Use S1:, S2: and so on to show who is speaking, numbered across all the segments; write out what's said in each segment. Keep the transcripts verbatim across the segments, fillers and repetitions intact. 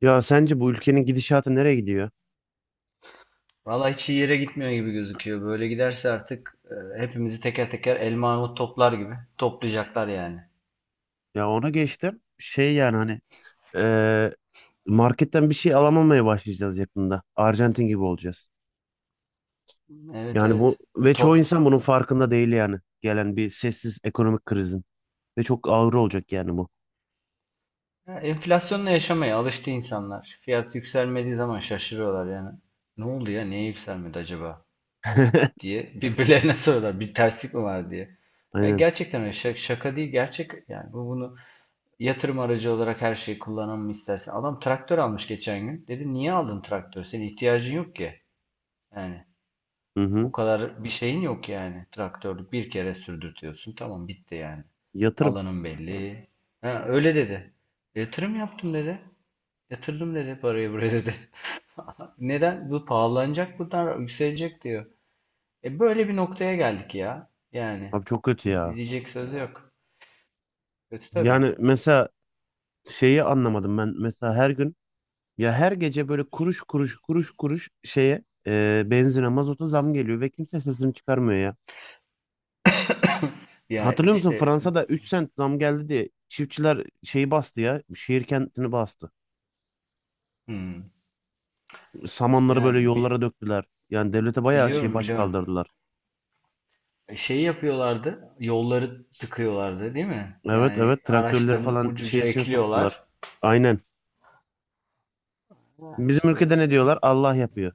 S1: Ya sence bu ülkenin gidişatı nereye gidiyor?
S2: Valla hiç iyi yere gitmiyor gibi gözüküyor. Böyle giderse artık e, hepimizi teker teker elma armut toplar gibi toplayacaklar yani.
S1: Ya ona geçtim. Şey yani hani eee, marketten bir şey alamamaya başlayacağız yakında. Arjantin gibi olacağız.
S2: Evet
S1: Yani bu
S2: evet.
S1: ve çoğu
S2: To-
S1: insan bunun farkında değil yani. Gelen bir sessiz ekonomik krizin. Ve çok ağır olacak yani bu.
S2: Ya, enflasyonla yaşamaya alıştı insanlar. Fiyat yükselmediği zaman şaşırıyorlar yani. Ne oldu ya? Niye yükselmedi acaba diye birbirlerine soruyorlar. Bir terslik mi var diye. Ya,
S1: Aynen.
S2: gerçekten öyle. Şak- şaka değil gerçek. Yani bu bunu yatırım aracı olarak her şeyi kullanalım istersen. Adam traktör almış geçen gün. Dedim niye aldın traktör? Senin ihtiyacın yok ki. Yani
S1: Hı hı.
S2: o kadar bir şeyin yok yani. Traktörlük bir kere sürdürtüyorsun. Tamam bitti yani.
S1: Yatırım.
S2: Alanın belli. Ha, öyle dedi. Yatırım yaptım dedi. Yatırdım dedi parayı buraya dedi. Neden? Bu pahalanacak, buradan yükselecek diyor. E, böyle bir noktaya geldik ya. Yani
S1: Abi çok kötü ya.
S2: diyecek söz yok. Kötü tabii.
S1: Yani mesela şeyi anlamadım ben. Mesela her gün ya her gece böyle kuruş kuruş kuruş kuruş şeye eee benzine mazota zam geliyor ve kimse sesini çıkarmıyor ya.
S2: Ya
S1: Hatırlıyor musun
S2: işte.
S1: Fransa'da üç sent zam geldi diye çiftçiler şeyi bastı ya. Şehir kentini bastı.
S2: Hmm.
S1: Samanları
S2: Ya
S1: böyle
S2: bi-
S1: yollara döktüler. Yani devlete bayağı şey
S2: biliyorum
S1: baş
S2: biliyorum.
S1: kaldırdılar.
S2: E, Şey yapıyorlardı. Yolları tıkıyorlardı, değil mi?
S1: Evet,
S2: Yani
S1: evet, traktörleri. Evet,
S2: araçların
S1: falan
S2: ucuca
S1: şehir içine soktular.
S2: ekliyorlar.
S1: Aynen.
S2: Ha,
S1: Bizim ülkede
S2: işte
S1: ne diyorlar?
S2: biz
S1: Allah yapıyor.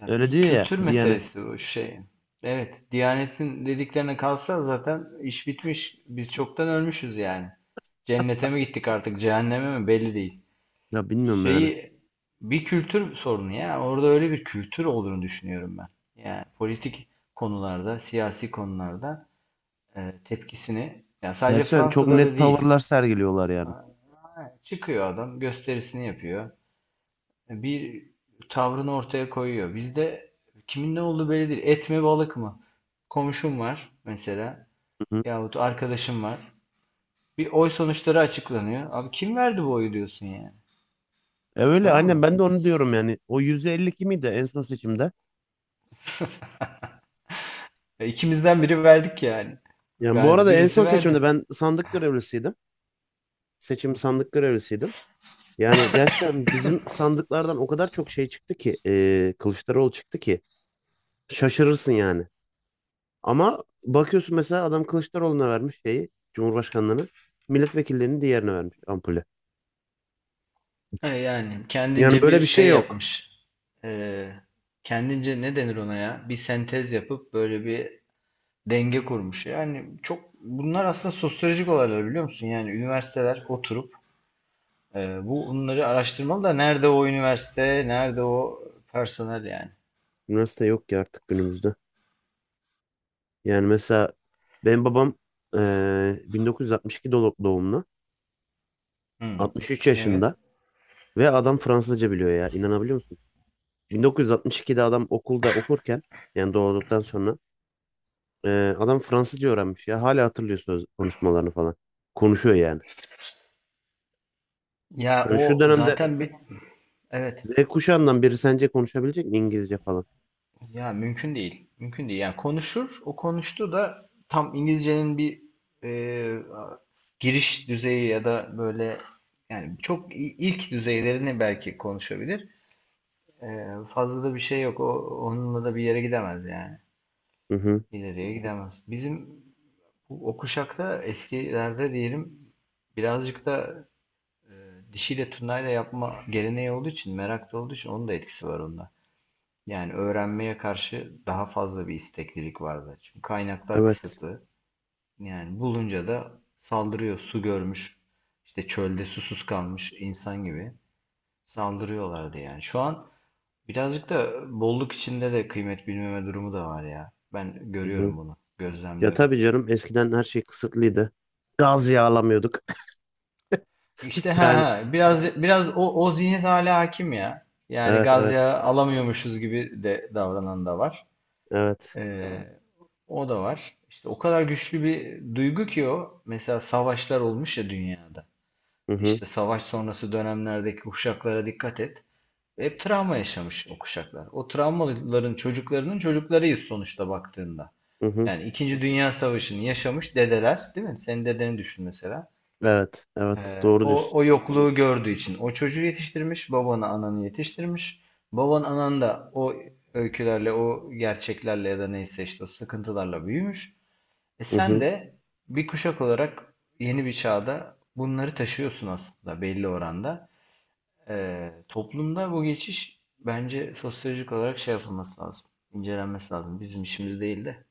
S2: yani
S1: Öyle
S2: bir
S1: diyor ya
S2: kültür
S1: Diyanet.
S2: meselesi bu şey. Evet, Diyanet'in dediklerine kalsa zaten iş bitmiş. Biz çoktan ölmüşüz yani. Cennete mi gittik artık, cehenneme mi belli değil.
S1: Ya bilmiyorum yani.
S2: Şeyi, bir kültür sorunu ya. Orada öyle bir kültür olduğunu düşünüyorum ben. Yani politik konularda, siyasi konularda e, tepkisini, ya, sadece
S1: Gerçekten çok
S2: Fransa'da
S1: net
S2: da değil.
S1: tavırlar sergiliyorlar yani.
S2: Ha, çıkıyor adam, gösterisini yapıyor. Bir tavrını ortaya koyuyor. Bizde kimin ne olduğu belli değil. Et mi balık mı? Komşum var mesela
S1: Hı hı.
S2: yahut arkadaşım var. Bir oy sonuçları açıklanıyor. Abi kim verdi bu oyu diyorsun yani.
S1: E öyle
S2: Tamam
S1: aynen
S2: mı?
S1: ben de onu diyorum
S2: S-
S1: yani. O yüzde elli iki miydi en son seçimde?
S2: Ya ikimizden biri verdik yani.
S1: Yani bu
S2: Verdi.
S1: arada en son
S2: Birisi
S1: seçimde
S2: verdi.
S1: ben sandık görevlisiydim.
S2: Hı
S1: Seçim
S2: hı.
S1: sandık görevlisiydim. Yani gerçekten bizim sandıklardan o kadar çok şey çıktı ki eee Kılıçdaroğlu çıktı ki şaşırırsın yani. Ama bakıyorsun mesela adam Kılıçdaroğlu'na vermiş şeyi Cumhurbaşkanlığını, milletvekillerinin diğerine vermiş ampulü.
S2: E yani
S1: Yani
S2: kendince
S1: böyle
S2: bir
S1: bir şey
S2: şey
S1: yok.
S2: yapmış. E, Kendince ne denir ona ya? Bir sentez yapıp böyle bir denge kurmuş. Yani çok bunlar aslında sosyolojik olaylar, biliyor musun? Yani üniversiteler oturup e, bu bunları araştırmalı da nerede o üniversite, nerede o personel yani.
S1: Üniversite yok ki artık günümüzde. Yani mesela benim babam eee bin dokuz yüz altmış iki dolu- doğumlu,
S2: Hmm.
S1: altmış üç
S2: Evet.
S1: yaşında ve adam Fransızca biliyor ya, inanabiliyor musun? bin dokuz yüz altmış ikide adam okulda okurken, yani doğduktan sonra Ee, adam Fransızca öğrenmiş ya. Hala hatırlıyor söz konuşmalarını falan. Konuşuyor yani.
S2: Ya
S1: Hani şu
S2: o
S1: dönemde
S2: zaten bir, evet.
S1: Z kuşağından biri sence konuşabilecek mi İngilizce falan?
S2: Ya mümkün değil. Mümkün değil. Yani konuşur. O konuştu da tam İngilizcenin bir e, giriş düzeyi ya da böyle yani çok i- ilk düzeylerini belki konuşabilir. E, Fazla da bir şey yok. O, onunla da bir yere gidemez yani.
S1: Hı hı.
S2: İleriye gidemez. Bizim bu- o kuşakta, eskilerde diyelim, birazcık da dişiyle tırnağıyla yapma geleneği olduğu için, merak da olduğu için, onun da etkisi var onda. Yani öğrenmeye karşı daha fazla bir isteklilik vardı. Çünkü kaynaklar
S1: Evet.
S2: kısıtlı. Yani bulunca da saldırıyor. Su görmüş, işte çölde susuz kalmış insan gibi saldırıyorlardı yani. Şu an birazcık da bolluk içinde de kıymet bilmeme durumu da var ya. Ben
S1: Hı hı.
S2: görüyorum bunu,
S1: Ya
S2: gözlemliyorum.
S1: tabii canım, eskiden her şey kısıtlıydı. Gaz yağlamıyorduk.
S2: İşte ha
S1: Yani
S2: ha, biraz biraz o o zihniyet hala hakim ya. Yani
S1: evet,
S2: gaz
S1: evet,
S2: yağı alamıyormuşuz gibi de davranan da var.
S1: evet.
S2: Ee, O da var. İşte o kadar güçlü bir duygu ki o. Mesela savaşlar olmuş ya dünyada.
S1: Hı hı.
S2: İşte savaş sonrası dönemlerdeki kuşaklara dikkat et. Hep travma yaşamış o kuşaklar. O travmaların çocuklarının çocuklarıyız sonuçta, baktığında.
S1: Hı hı.
S2: Yani İkinci Dünya Savaşı'nı yaşamış dedeler, değil mi? Senin dedeni düşün mesela.
S1: Evet, evet,
S2: Ee,
S1: doğru
S2: o,
S1: diyorsun.
S2: o yokluğu gördüğü için o çocuğu yetiştirmiş, babanı ananı yetiştirmiş. Baban anan da o öykülerle, o gerçeklerle ya da neyse işte o sıkıntılarla büyümüş. E
S1: Hı
S2: sen
S1: hı.
S2: de bir kuşak olarak yeni bir çağda bunları taşıyorsun aslında belli oranda. Ee, toplumda bu geçiş bence sosyolojik olarak şey yapılması lazım, incelenmesi lazım. Bizim işimiz değil de.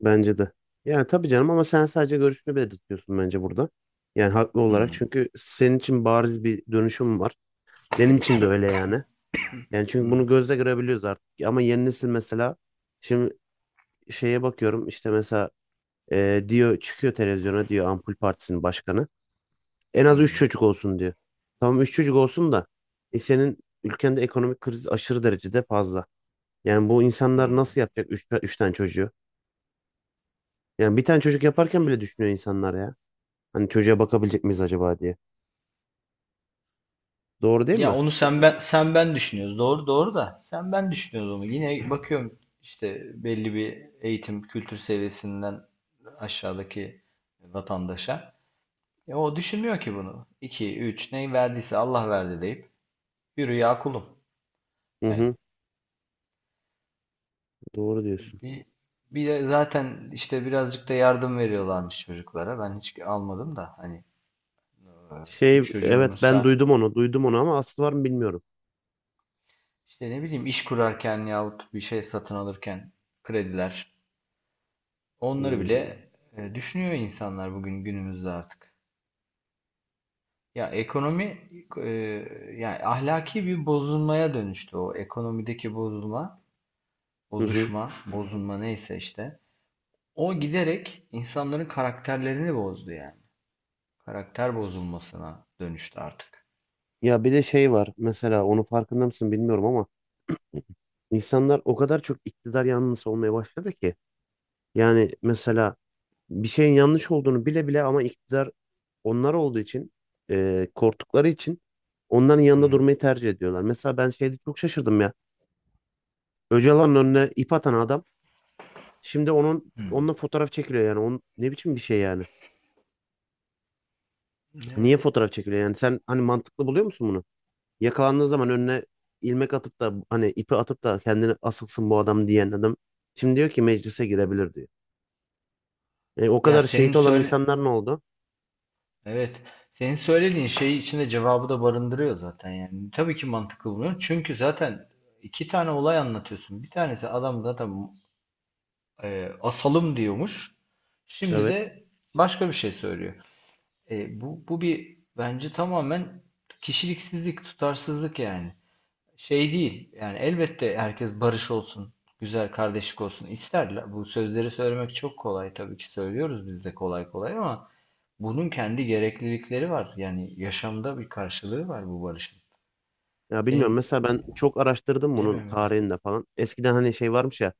S1: Bence de. Yani tabii canım, ama sen sadece görüşünü belirtiyorsun bence burada. Yani haklı olarak,
S2: Hmm.
S1: çünkü senin için bariz bir dönüşüm var. Benim için de öyle yani. Yani çünkü bunu
S2: Hmm.
S1: gözle görebiliyoruz artık. Ama yeni nesil mesela, şimdi şeye bakıyorum işte, mesela e, diyor, çıkıyor televizyona, diyor Ampul Partisi'nin başkanı. En az üç
S2: Hmm.
S1: çocuk olsun diyor. Tamam, üç çocuk olsun da e, senin ülkende ekonomik kriz aşırı derecede fazla. Yani bu insanlar
S2: Hmm.
S1: nasıl yapacak üç, üç tane çocuğu? Yani bir tane çocuk yaparken bile düşünüyor insanlar ya. Hani çocuğa bakabilecek miyiz acaba diye. Doğru değil
S2: Ya,
S1: mi?
S2: onu sen ben sen ben düşünüyoruz. Doğru doğru da sen ben düşünüyoruz onu. Yine bakıyorum işte, belli bir eğitim kültür seviyesinden aşağıdaki vatandaşa. Ya o düşünmüyor ki bunu. İki üç neyi verdiyse Allah verdi deyip yürü ya kulum.
S1: Hı hı,
S2: Yani
S1: doğru diyorsun.
S2: bir, bir de zaten işte birazcık da yardım veriyorlarmış çocuklara. Ben hiç almadım da hani e,
S1: Şey,
S2: üç çocuğun
S1: evet ben
S2: olursa
S1: duydum onu duydum onu, ama aslı var mı bilmiyorum.
S2: işte ne bileyim, iş kurarken yahut bir şey satın alırken krediler. Onları bile
S1: Hmm,
S2: e, düşünüyor insanlar bugün günümüzde artık. Ya ekonomi e, yani ahlaki bir bozulmaya dönüştü o ekonomideki bozulma,
S1: hı hı.
S2: bozuşma, Hı bozulma, neyse işte. O giderek insanların karakterlerini bozdu yani. Karakter bozulmasına dönüştü artık.
S1: Ya bir de şey var mesela, onu farkında mısın bilmiyorum ama, insanlar o kadar çok iktidar yanlısı olmaya başladı ki. Yani mesela bir şeyin yanlış olduğunu bile bile, ama iktidar onlar olduğu için, e, korktukları için onların yanında
S2: Hı.
S1: durmayı tercih ediyorlar. Mesela ben şeyde çok şaşırdım ya. Öcalan'ın önüne ip atan adam, şimdi onun
S2: Hı.
S1: onunla fotoğraf çekiliyor yani. Onun, ne biçim bir şey yani? Niye
S2: Evet.
S1: fotoğraf çekiliyor yani? Sen hani mantıklı buluyor musun bunu? Yakalandığı zaman önüne ilmek atıp da, hani ipi atıp da kendini asılsın bu adam diyen adam, şimdi diyor ki meclise girebilir diyor. E, o
S2: Ya
S1: kadar
S2: senin
S1: şehit olan
S2: söyle
S1: insanlar ne oldu?
S2: Evet. Senin söylediğin şey içinde cevabı da barındırıyor zaten yani. Tabii ki mantıklı buluyorum. Çünkü zaten iki tane olay anlatıyorsun. Bir tanesi adam zaten e, asalım diyormuş. Şimdi
S1: Evet.
S2: de başka bir şey söylüyor. E, bu, bu bir bence tamamen kişiliksizlik, tutarsızlık. Yani şey değil yani, elbette herkes barış olsun, güzel kardeşlik olsun isterler. Bu sözleri söylemek çok kolay, tabii ki söylüyoruz biz de kolay kolay, ama bunun kendi gereklilikleri var. Yani yaşamda bir karşılığı var bu barışın.
S1: Ya bilmiyorum,
S2: Senin
S1: mesela ben çok araştırdım bunun
S2: bilemem yani.
S1: tarihini de falan. Eskiden hani şey varmış ya.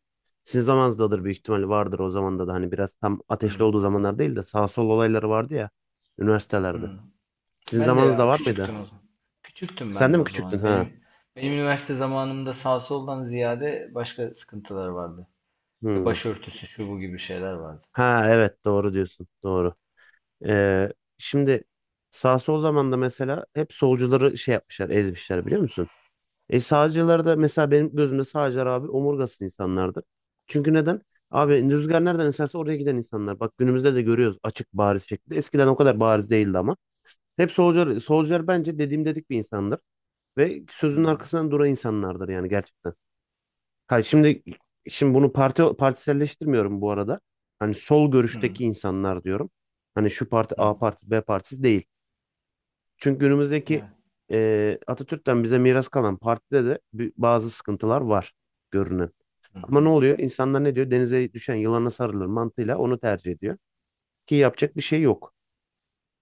S1: Sizin zamanınızdadır büyük ihtimalle, vardır o zamanda da, hani biraz tam ateşli
S2: Hı.
S1: olduğu zamanlar değil de, sağ sol olayları vardı ya üniversitelerde.
S2: Hı.
S1: Sizin
S2: Ben de
S1: zamanınızda
S2: ya,
S1: var mıydı?
S2: küçüktüm o zaman. Küçüktüm
S1: Sen
S2: ben
S1: de
S2: de
S1: mi
S2: o
S1: küçüktün
S2: zaman.
S1: ha?
S2: Benim benim üniversite zamanımda sağ soldan ziyade başka sıkıntılar vardı. İşte
S1: Hmm.
S2: başörtüsü şu bu gibi şeyler vardı.
S1: Ha evet, doğru diyorsun. Doğru. Ee, şimdi sağ sol zamanda mesela hep solcuları şey yapmışlar, ezmişler, biliyor musun? E sağcılar da mesela, benim gözümde sağcılar abi omurgasız insanlardır. Çünkü neden? Abi rüzgar nereden eserse oraya giden insanlar. Bak günümüzde de görüyoruz açık bariz şekilde. Eskiden o kadar bariz değildi ama. Hep solcular, solcular bence dediğim dedik bir insandır. Ve sözünün
S2: Hı.
S1: arkasından duran insanlardır yani, gerçekten. Hayır şimdi şimdi bunu parti partiselleştirmiyorum bu arada. Hani sol
S2: Hı.
S1: görüşteki insanlar diyorum. Hani şu parti
S2: Hı.
S1: A partisi, B partisi değil. Çünkü günümüzdeki
S2: Evet.
S1: e, Atatürk'ten bize miras kalan partide de bi- bazı sıkıntılar var görünen.
S2: Hı.
S1: Ama
S2: Hı.
S1: ne oluyor? İnsanlar ne diyor? Denize düşen yılana sarılır mantığıyla onu tercih ediyor. Ki yapacak bir şey yok.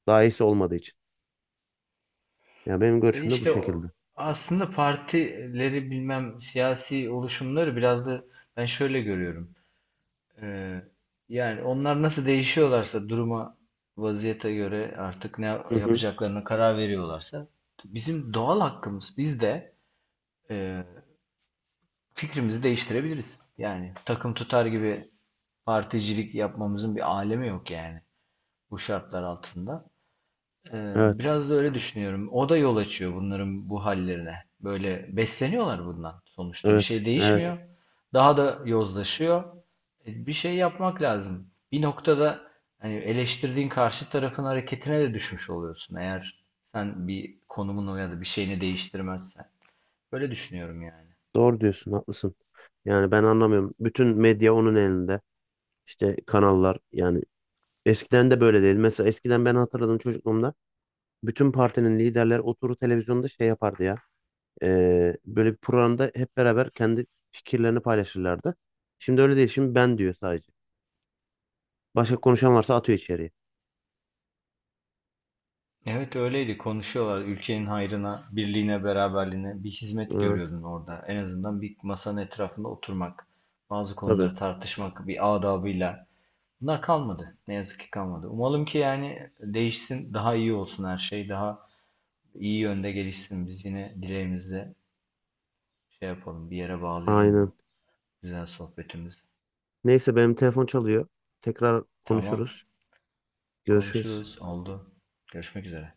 S1: Daha iyisi olmadığı için. Ya benim
S2: E
S1: görüşüm de bu
S2: işte o,
S1: şekilde.
S2: aslında partileri bilmem siyasi oluşumları biraz da ben şöyle görüyorum. Ee, Yani onlar nasıl değişiyorlarsa duruma, vaziyete göre, artık ne
S1: Hı hı.
S2: yapacaklarına karar veriyorlarsa, bizim doğal hakkımız, biz de e, fikrimizi değiştirebiliriz. Yani takım tutar gibi particilik yapmamızın bir alemi yok yani bu şartlar altında. Ee,
S1: Evet.
S2: biraz da öyle düşünüyorum. O da yol açıyor bunların bu hallerine. Böyle besleniyorlar bundan. Sonuçta bir
S1: Evet.
S2: şey
S1: Evet.
S2: değişmiyor. Evet. Daha da yozlaşıyor. E, Bir şey yapmak lazım. Bir noktada hani eleştirdiğin karşı tarafın hareketine de düşmüş oluyorsun, eğer sen bir konumunu ya da bir şeyini değiştirmezsen. Böyle düşünüyorum yani.
S1: Doğru diyorsun. Haklısın. Yani ben anlamıyorum. Bütün medya onun elinde. İşte kanallar yani, eskiden de böyle değil. Mesela eskiden, ben hatırladım çocukluğumda, bütün partinin liderleri oturur televizyonda şey yapardı ya. Ee, böyle bir programda hep beraber kendi fikirlerini paylaşırlardı. Şimdi öyle değil. Şimdi ben diyor sadece. Başka konuşan varsa atıyor içeriye.
S2: Evet, öyleydi, konuşuyorlar ülkenin hayrına, birliğine, beraberliğine bir hizmet
S1: Evet,
S2: görüyordun orada. En azından bir masanın etrafında oturmak, bazı
S1: tabii.
S2: konuları tartışmak bir adabıyla. Bunlar kalmadı. Ne yazık ki kalmadı. Umalım ki yani değişsin, daha iyi olsun her şey, daha iyi yönde gelişsin. Biz yine dileğimizle şey yapalım, bir yere bağlayalım
S1: Aynen.
S2: bu güzel sohbetimizi.
S1: Neyse, benim telefon çalıyor. Tekrar
S2: Tamam,
S1: konuşuruz. Görüşürüz.
S2: konuşuruz, oldu. Görüşmek üzere.